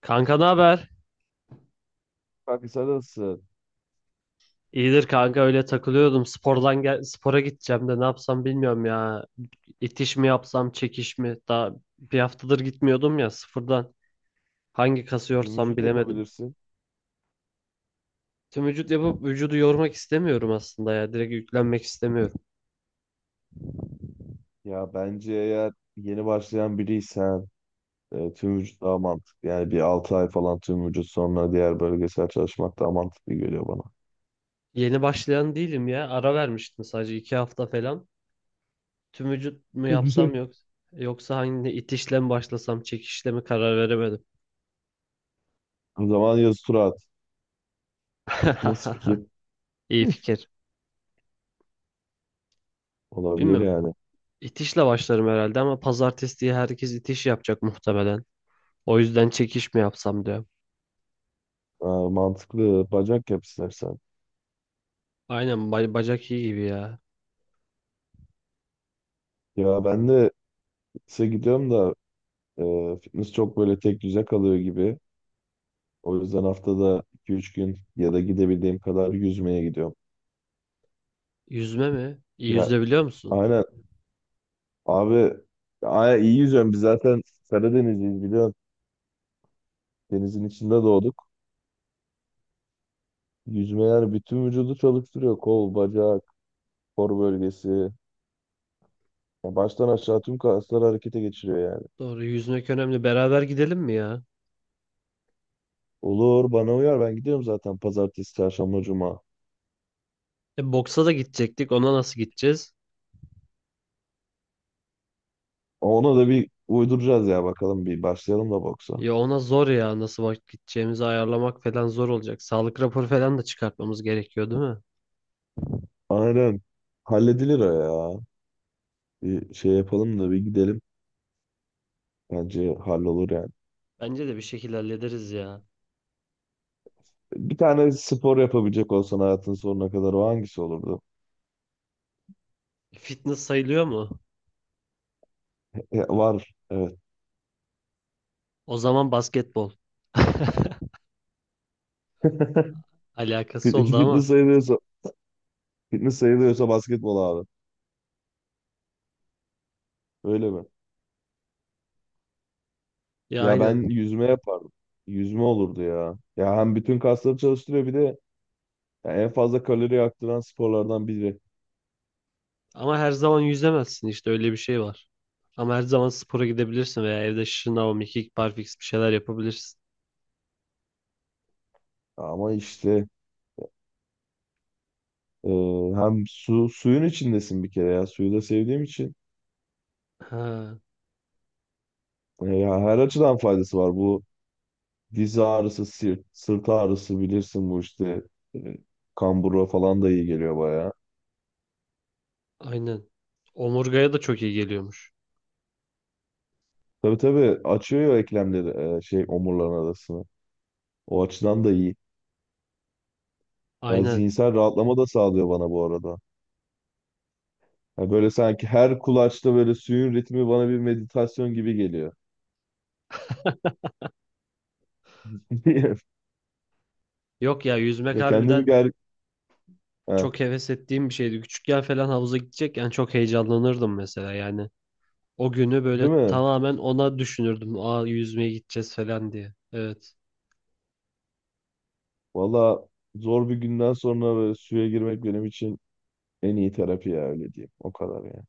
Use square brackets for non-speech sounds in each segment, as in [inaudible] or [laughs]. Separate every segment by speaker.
Speaker 1: Kanka, ne haber?
Speaker 2: Kanka sen nasıl?
Speaker 1: İyidir kanka, öyle takılıyordum. Spordan gel spora gideceğim de ne yapsam bilmiyorum ya. İtiş mi yapsam, çekiş mi? Daha bir haftadır gitmiyordum ya, sıfırdan. Hangi kası
Speaker 2: Tüm
Speaker 1: yorsam
Speaker 2: vücut
Speaker 1: bilemedim.
Speaker 2: yapabilirsin.
Speaker 1: Tüm vücut yapıp vücudu yormak istemiyorum aslında ya. Direkt yüklenmek istemiyorum.
Speaker 2: Ya bence eğer yeni başlayan biriysen tüm vücut daha mantıklı. Yani bir 6 ay falan tüm vücut sonra diğer bölgesel çalışmak daha mantıklı geliyor bana.
Speaker 1: Yeni başlayan değilim ya. Ara vermiştim, sadece iki hafta falan. Tüm vücut mu
Speaker 2: Ha, güzel.
Speaker 1: yapsam, yok. Yoksa hangi itişle mi başlasam, çekişle mi, karar veremedim.
Speaker 2: O zaman yazı tura at. Nasıl fikir?
Speaker 1: [laughs] İyi
Speaker 2: [laughs]
Speaker 1: fikir.
Speaker 2: Olabilir
Speaker 1: Bilmiyorum.
Speaker 2: yani.
Speaker 1: İtişle başlarım herhalde ama pazartesi diye herkes itiş yapacak muhtemelen. O yüzden çekiş mi yapsam diyorum.
Speaker 2: Ha, mantıklı. Bacak yap istersen.
Speaker 1: Aynen, bacak iyi gibi ya.
Speaker 2: Ya ben de fitness'e gidiyorum da fitness çok böyle tek düze kalıyor gibi. O yüzden haftada 2-3 gün ya da gidebildiğim kadar yüzmeye gidiyorum.
Speaker 1: Yüzme mi? İyi,
Speaker 2: Ya,
Speaker 1: yüzme biliyor musun?
Speaker 2: aynen. Abi, aya iyi yüzüyorum. Biz zaten Karadenizliyiz, biliyorsun. Denizin içinde doğduk. Yüzme yani bütün vücudu çalıştırıyor. Kol, bacak, kor bölgesi. Ya baştan aşağı tüm kasları harekete geçiriyor yani.
Speaker 1: Doğru, yüzmek önemli. Beraber gidelim mi ya?
Speaker 2: Olur, bana uyar, ben gidiyorum zaten pazartesi, çarşamba, cuma.
Speaker 1: E, boksa da gidecektik. Ona nasıl gideceğiz?
Speaker 2: Ona da bir uyduracağız ya, bakalım bir başlayalım da boksa.
Speaker 1: Ya ona zor ya, nasıl vakit gideceğimizi ayarlamak falan zor olacak. Sağlık raporu falan da çıkartmamız gerekiyor değil mi?
Speaker 2: Aynen. Halledilir o ya. Bir şey yapalım da bir gidelim. Bence hallolur yani.
Speaker 1: Bence de bir şekilde hallederiz ya.
Speaker 2: Bir tane spor yapabilecek olsan hayatın sonuna kadar o hangisi olurdu?
Speaker 1: Fitness sayılıyor mu?
Speaker 2: Ya, var. Evet.
Speaker 1: O zaman basketbol. [laughs] Alakası
Speaker 2: Fit-
Speaker 1: oldu
Speaker 2: Fitness
Speaker 1: ama.
Speaker 2: sayılıyorsa, fitness sayılıyorsa, basketbol abi. Öyle mi?
Speaker 1: Ya
Speaker 2: Ya ben
Speaker 1: aynen.
Speaker 2: yüzme yapardım. Yüzme olurdu ya. Ya hem bütün kasları çalıştırıyor, bir de ya en fazla kalori yaktıran sporlardan biri.
Speaker 1: Ama her zaman yüzemezsin, işte öyle bir şey var. Ama her zaman spora gidebilirsin veya evde şınav, mekik, barfiks bir şeyler yapabilirsin.
Speaker 2: Ama işte e, hem suyun içindesin bir kere ya. Suyu da sevdiğim için.
Speaker 1: Ha,
Speaker 2: Ya her açıdan faydası var. Bu diz ağrısı, sırt ağrısı bilirsin bu işte. E, Kambura falan da iyi geliyor bayağı.
Speaker 1: aynen. Omurgaya da çok iyi geliyormuş.
Speaker 2: Tabii tabii, açıyor ya eklemleri, şey omurların arasını. O açıdan da iyi. Yani
Speaker 1: Aynen.
Speaker 2: zihinsel rahatlama da sağlıyor bana bu arada. Yani böyle sanki her kulaçta böyle suyun ritmi bana bir meditasyon gibi geliyor. [laughs]
Speaker 1: Yok ya, yüzmek
Speaker 2: Ya kendimi
Speaker 1: harbiden
Speaker 2: ger... Ha,
Speaker 1: çok heves ettiğim bir şeydi. Küçükken falan havuza gidecekken çok heyecanlanırdım mesela, yani. O günü böyle
Speaker 2: değil mi?
Speaker 1: tamamen ona düşünürdüm. Aa, yüzmeye gideceğiz falan diye. Evet.
Speaker 2: Valla, zor bir günden sonra böyle suya girmek benim için en iyi terapi ya, öyle diyeyim. O kadar yani.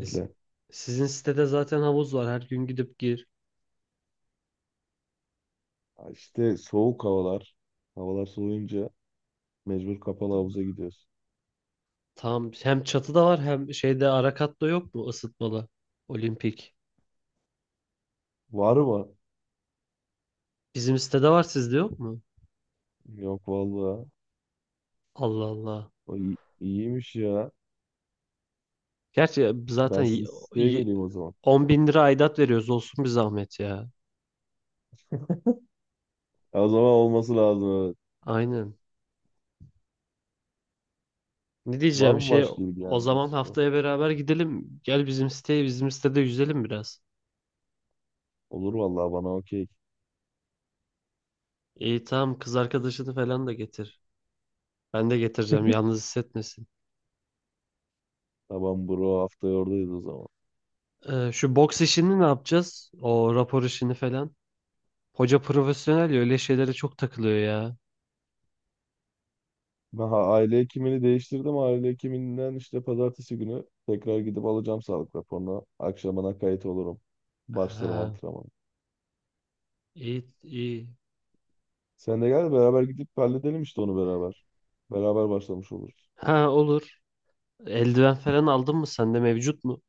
Speaker 1: E, si- Sizin sitede zaten havuz var. Her gün gidip gir.
Speaker 2: Ya, İşte soğuk havalar. Havalar soğuyunca mecbur kapalı
Speaker 1: Tamam.
Speaker 2: havuza gidiyoruz.
Speaker 1: Tam hem çatıda var hem şeyde ara katta yok mu ısıtmalı? Olimpik.
Speaker 2: Var mı?
Speaker 1: Bizim sitede var, sizde yok mu?
Speaker 2: Yok valla.
Speaker 1: Allah Allah.
Speaker 2: O iyiymiş ya.
Speaker 1: Gerçi zaten
Speaker 2: Ben sizin siteye
Speaker 1: y-
Speaker 2: geleyim o zaman.
Speaker 1: 10 bin lira aidat veriyoruz, olsun bir zahmet ya.
Speaker 2: Ya, o zaman olması lazım. Evet.
Speaker 1: Aynen. Ne
Speaker 2: Var
Speaker 1: diyeceğim
Speaker 2: mı
Speaker 1: şey,
Speaker 2: başka
Speaker 1: o
Speaker 2: ilgilendiğiniz
Speaker 1: zaman
Speaker 2: spor?
Speaker 1: haftaya beraber gidelim. Gel bizim siteye, bizim sitede yüzelim biraz.
Speaker 2: Olur vallahi, bana okey.
Speaker 1: İyi, tamam, kız arkadaşını falan da getir. Ben de getireceğim, yalnız hissetmesin.
Speaker 2: Tamam bro, haftaya oradayız o zaman.
Speaker 1: Şu boks işini ne yapacağız? O rapor işini falan. Hoca profesyonel ya, öyle şeylere çok takılıyor ya.
Speaker 2: Ben aile hekimini değiştirdim. Aile hekiminden işte pazartesi günü tekrar gidip alacağım sağlık raporunu. Akşamına kayıt olurum. Başlarım
Speaker 1: Ha,
Speaker 2: antrenmanı.
Speaker 1: iyi iyi.
Speaker 2: Sen de gel, beraber gidip halledelim işte onu beraber. Beraber başlamış oluruz.
Speaker 1: Ha, olur. Eldiven falan aldın mı? Sende mevcut mu?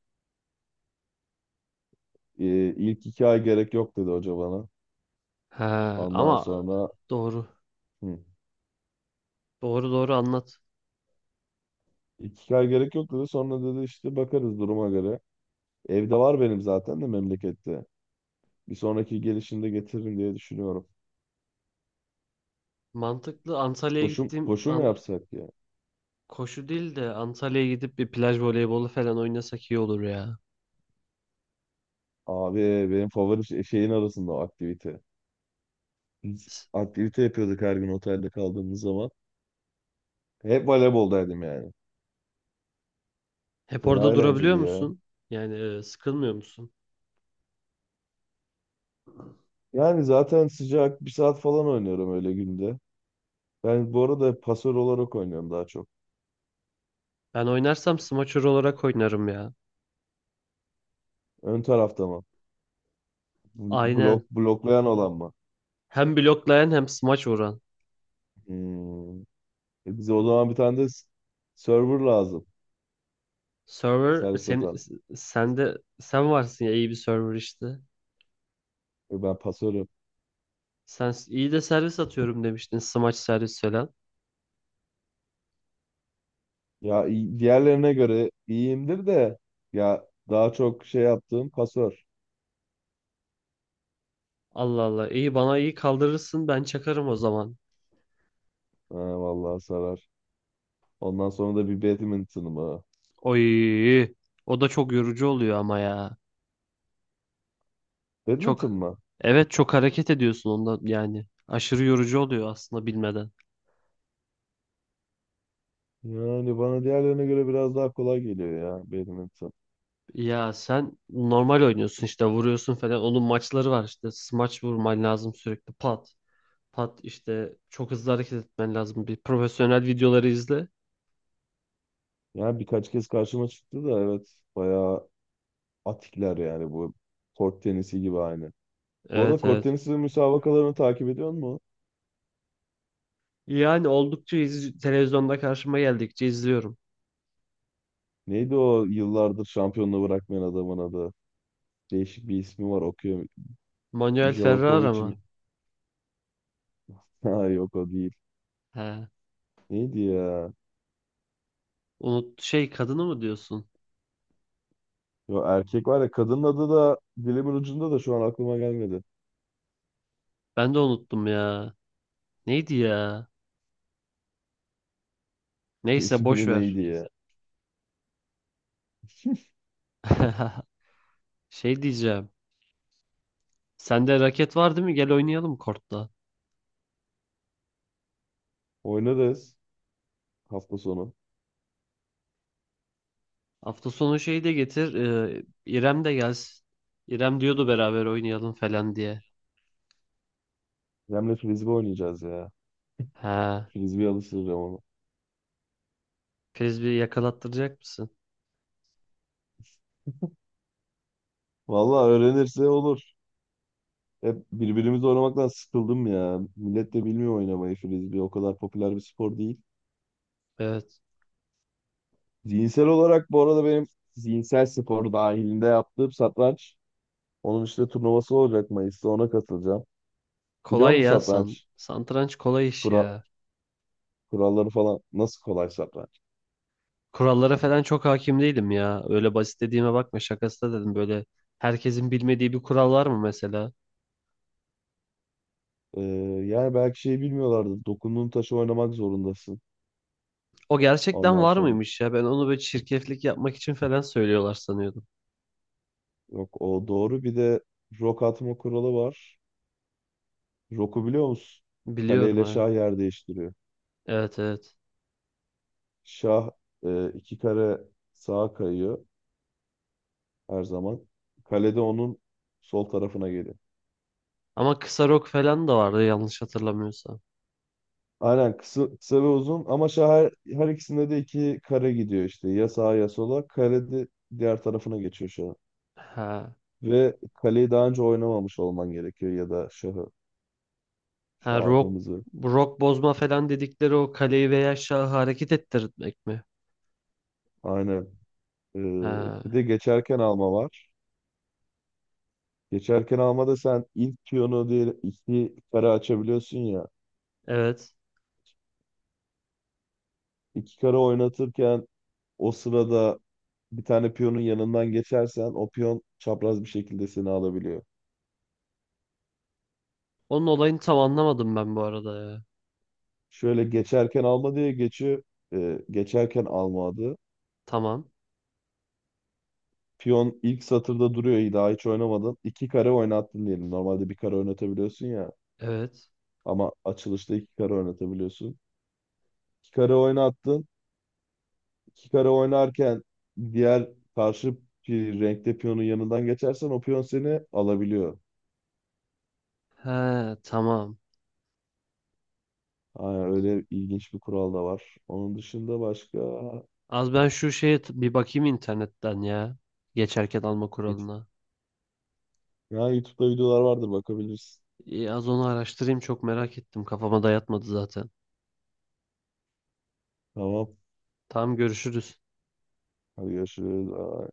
Speaker 2: İlk 2 ay gerek yok dedi hoca bana.
Speaker 1: Ha
Speaker 2: Ondan
Speaker 1: ama
Speaker 2: sonra
Speaker 1: doğru.
Speaker 2: hı,
Speaker 1: Doğru doğru, anlat.
Speaker 2: ilk iki ay gerek yok dedi. Sonra dedi işte bakarız duruma göre. Evde var benim zaten de memlekette. Bir sonraki gelişimde getiririm diye düşünüyorum.
Speaker 1: Mantıklı.
Speaker 2: koşum koşu mu yapsak ya?
Speaker 1: Koşu değil de Antalya'ya gidip bir plaj voleybolu falan oynasak iyi olur ya.
Speaker 2: Abi, benim favori şeyin arasında o aktivite. Biz
Speaker 1: S-
Speaker 2: aktivite yapıyorduk her gün otelde kaldığımız zaman. Hep voleyboldaydım yani.
Speaker 1: Hep
Speaker 2: Fena
Speaker 1: orada durabiliyor
Speaker 2: eğlenceli ya.
Speaker 1: musun? Yani, sıkılmıyor musun?
Speaker 2: Yani zaten sıcak bir saat falan oynuyorum öyle günde. Ben bu arada pasör olarak oynuyorum daha çok.
Speaker 1: Ben oynarsam smaçör olarak oynarım ya.
Speaker 2: Ön tarafta mı? Blok,
Speaker 1: Aynen.
Speaker 2: bloklayan olan mı?
Speaker 1: Hem bloklayan hem smaç vuran.
Speaker 2: Hmm. E bize o zaman bir tane de server lazım.
Speaker 1: Server
Speaker 2: Servis
Speaker 1: sen,
Speaker 2: atan.
Speaker 1: sen de sen varsın ya, iyi bir server işte.
Speaker 2: E ben pasörüm.
Speaker 1: İyi de servis atıyorum demiştin. Smaç, servis falan.
Speaker 2: Ya diğerlerine göre iyiyimdir de ya daha çok şey yaptığım pasör.
Speaker 1: Allah Allah. İyi, bana iyi kaldırırsın. Ben çakarım o zaman.
Speaker 2: Ha, vallahi sarar. Ondan sonra da bir badminton mı?
Speaker 1: Oy. O da çok yorucu oluyor ama ya. Çok
Speaker 2: Badminton mı?
Speaker 1: Evet, çok hareket ediyorsun onda yani. Aşırı yorucu oluyor aslında, bilmeden.
Speaker 2: Yani bana diğerlerine göre biraz daha kolay geliyor ya badminton.
Speaker 1: Ya sen normal oynuyorsun işte, vuruyorsun falan. Onun maçları var işte. Smaç vurman lazım sürekli. Pat. Pat işte, çok hızlı hareket etmen lazım. Bir profesyonel videoları izle.
Speaker 2: Yani birkaç kez karşıma çıktı da evet, bayağı atikler yani bu, kort tenisi gibi aynı. Bu arada
Speaker 1: Evet
Speaker 2: kort
Speaker 1: evet.
Speaker 2: tenisi müsabakalarını takip ediyor musun?
Speaker 1: Televizyonda karşıma geldikçe izliyorum.
Speaker 2: Neydi o yıllardır şampiyonluğu bırakmayan adamın adı? Değişik bir ismi var, okuyor.
Speaker 1: Manuel Ferrara
Speaker 2: Javakovic mi?
Speaker 1: mı?
Speaker 2: [laughs] Ha, yok o değil.
Speaker 1: He.
Speaker 2: Neydi ya?
Speaker 1: Unut, şey kadını mı diyorsun?
Speaker 2: Yo, erkek var ya, kadının adı da dilimin ucunda da şu an aklıma gelmedi.
Speaker 1: Ben de unuttum ya. Neydi ya?
Speaker 2: [laughs]
Speaker 1: Neyse, boş
Speaker 2: İsmini,
Speaker 1: ver.
Speaker 2: neydi ya?
Speaker 1: [laughs] Şey diyeceğim. Sende raket var değil mi? Gel oynayalım kortta.
Speaker 2: Oynarız hafta sonu.
Speaker 1: Hafta sonu şeyi de getir. İrem de gelsin. İrem diyordu beraber oynayalım falan diye.
Speaker 2: Remle frisbee oynayacağız ya.
Speaker 1: Ha.
Speaker 2: Frisbee alıştıracağım onu.
Speaker 1: Frisbee yakalattıracak mısın?
Speaker 2: Vallahi öğrenirse olur. Hep birbirimizi oynamaktan sıkıldım ya. Millet de bilmiyor oynamayı frisbee. O kadar popüler bir spor değil.
Speaker 1: Evet.
Speaker 2: Zihinsel olarak bu arada benim zihinsel spor dahilinde yaptığım satranç. Onun işte turnuvası olacak Mayıs'ta, ona katılacağım. Biliyor
Speaker 1: Kolay
Speaker 2: musun
Speaker 1: ya san.
Speaker 2: satranç?
Speaker 1: Satranç kolay iş
Speaker 2: Kural,
Speaker 1: ya.
Speaker 2: kuralları falan nasıl kolay satranç?
Speaker 1: Kurallara falan çok hakim değilim ya. Öyle basit dediğime bakma, şakası da dedim böyle. Herkesin bilmediği bir kural var mı mesela?
Speaker 2: Ee, Yani belki şey bilmiyorlardı. Dokunduğun taşı oynamak zorundasın.
Speaker 1: O gerçekten
Speaker 2: Ondan
Speaker 1: var
Speaker 2: sonra.
Speaker 1: mıymış ya? Ben onu böyle çirkeflik yapmak için falan söylüyorlar sanıyordum.
Speaker 2: Yok, o doğru. Bir de rok atma kuralı var. Roku biliyor musun?
Speaker 1: Biliyorum,
Speaker 2: Kaleyle
Speaker 1: evet.
Speaker 2: şah yer değiştiriyor.
Speaker 1: Evet evet.
Speaker 2: Şah iki kare sağa kayıyor her zaman. Kale de onun sol tarafına geliyor.
Speaker 1: Ama kısa rok falan da vardı yanlış hatırlamıyorsam.
Speaker 2: Aynen, kısa ve uzun, ama şah her ikisinde de iki kare gidiyor işte. Ya sağa ya sola. Kale de diğer tarafına geçiyor şahın.
Speaker 1: Ha.
Speaker 2: Ve kaleyi daha önce oynamamış olman gerekiyor, ya da şahı.
Speaker 1: Ha, rok,
Speaker 2: Şahımızı.
Speaker 1: rok bozma falan dedikleri, o kaleyi veya şahı hareket ettirmek mi?
Speaker 2: Aynen. Ee, Bir
Speaker 1: Ha.
Speaker 2: de geçerken alma var. Geçerken almada sen ilk piyonu diye iki kare açabiliyorsun ya.
Speaker 1: Evet.
Speaker 2: İki kare oynatırken o sırada bir tane piyonun yanından geçersen o piyon çapraz bir şekilde seni alabiliyor.
Speaker 1: Onun olayını tam anlamadım ben bu arada ya.
Speaker 2: Şöyle geçerken alma diye geçiyor. Geçerken alma adı.
Speaker 1: Tamam.
Speaker 2: Piyon ilk satırda duruyor. İyi, daha hiç oynamadın. İki kare oynattın diyelim. Normalde bir kare oynatabiliyorsun ya.
Speaker 1: Evet.
Speaker 2: Ama açılışta iki kare oynatabiliyorsun. İki kare oynattın. Kikara oynarken diğer karşı bir renkte piyonun yanından geçersen o piyon seni alabiliyor.
Speaker 1: He, tamam.
Speaker 2: Aynen, öyle ilginç bir kural da var. Onun dışında başka...
Speaker 1: Az ben şu şeye t- Bir bakayım internetten ya. Geçerken alma
Speaker 2: Geç-
Speaker 1: kuralına.
Speaker 2: Ya YouTube'da videolar vardır, bakabilirsin.
Speaker 1: İyi, az onu araştırayım, çok merak ettim. Kafama dayatmadı zaten.
Speaker 2: Tamam.
Speaker 1: Tamam, görüşürüz.
Speaker 2: Hadi görüşürüz. Bye.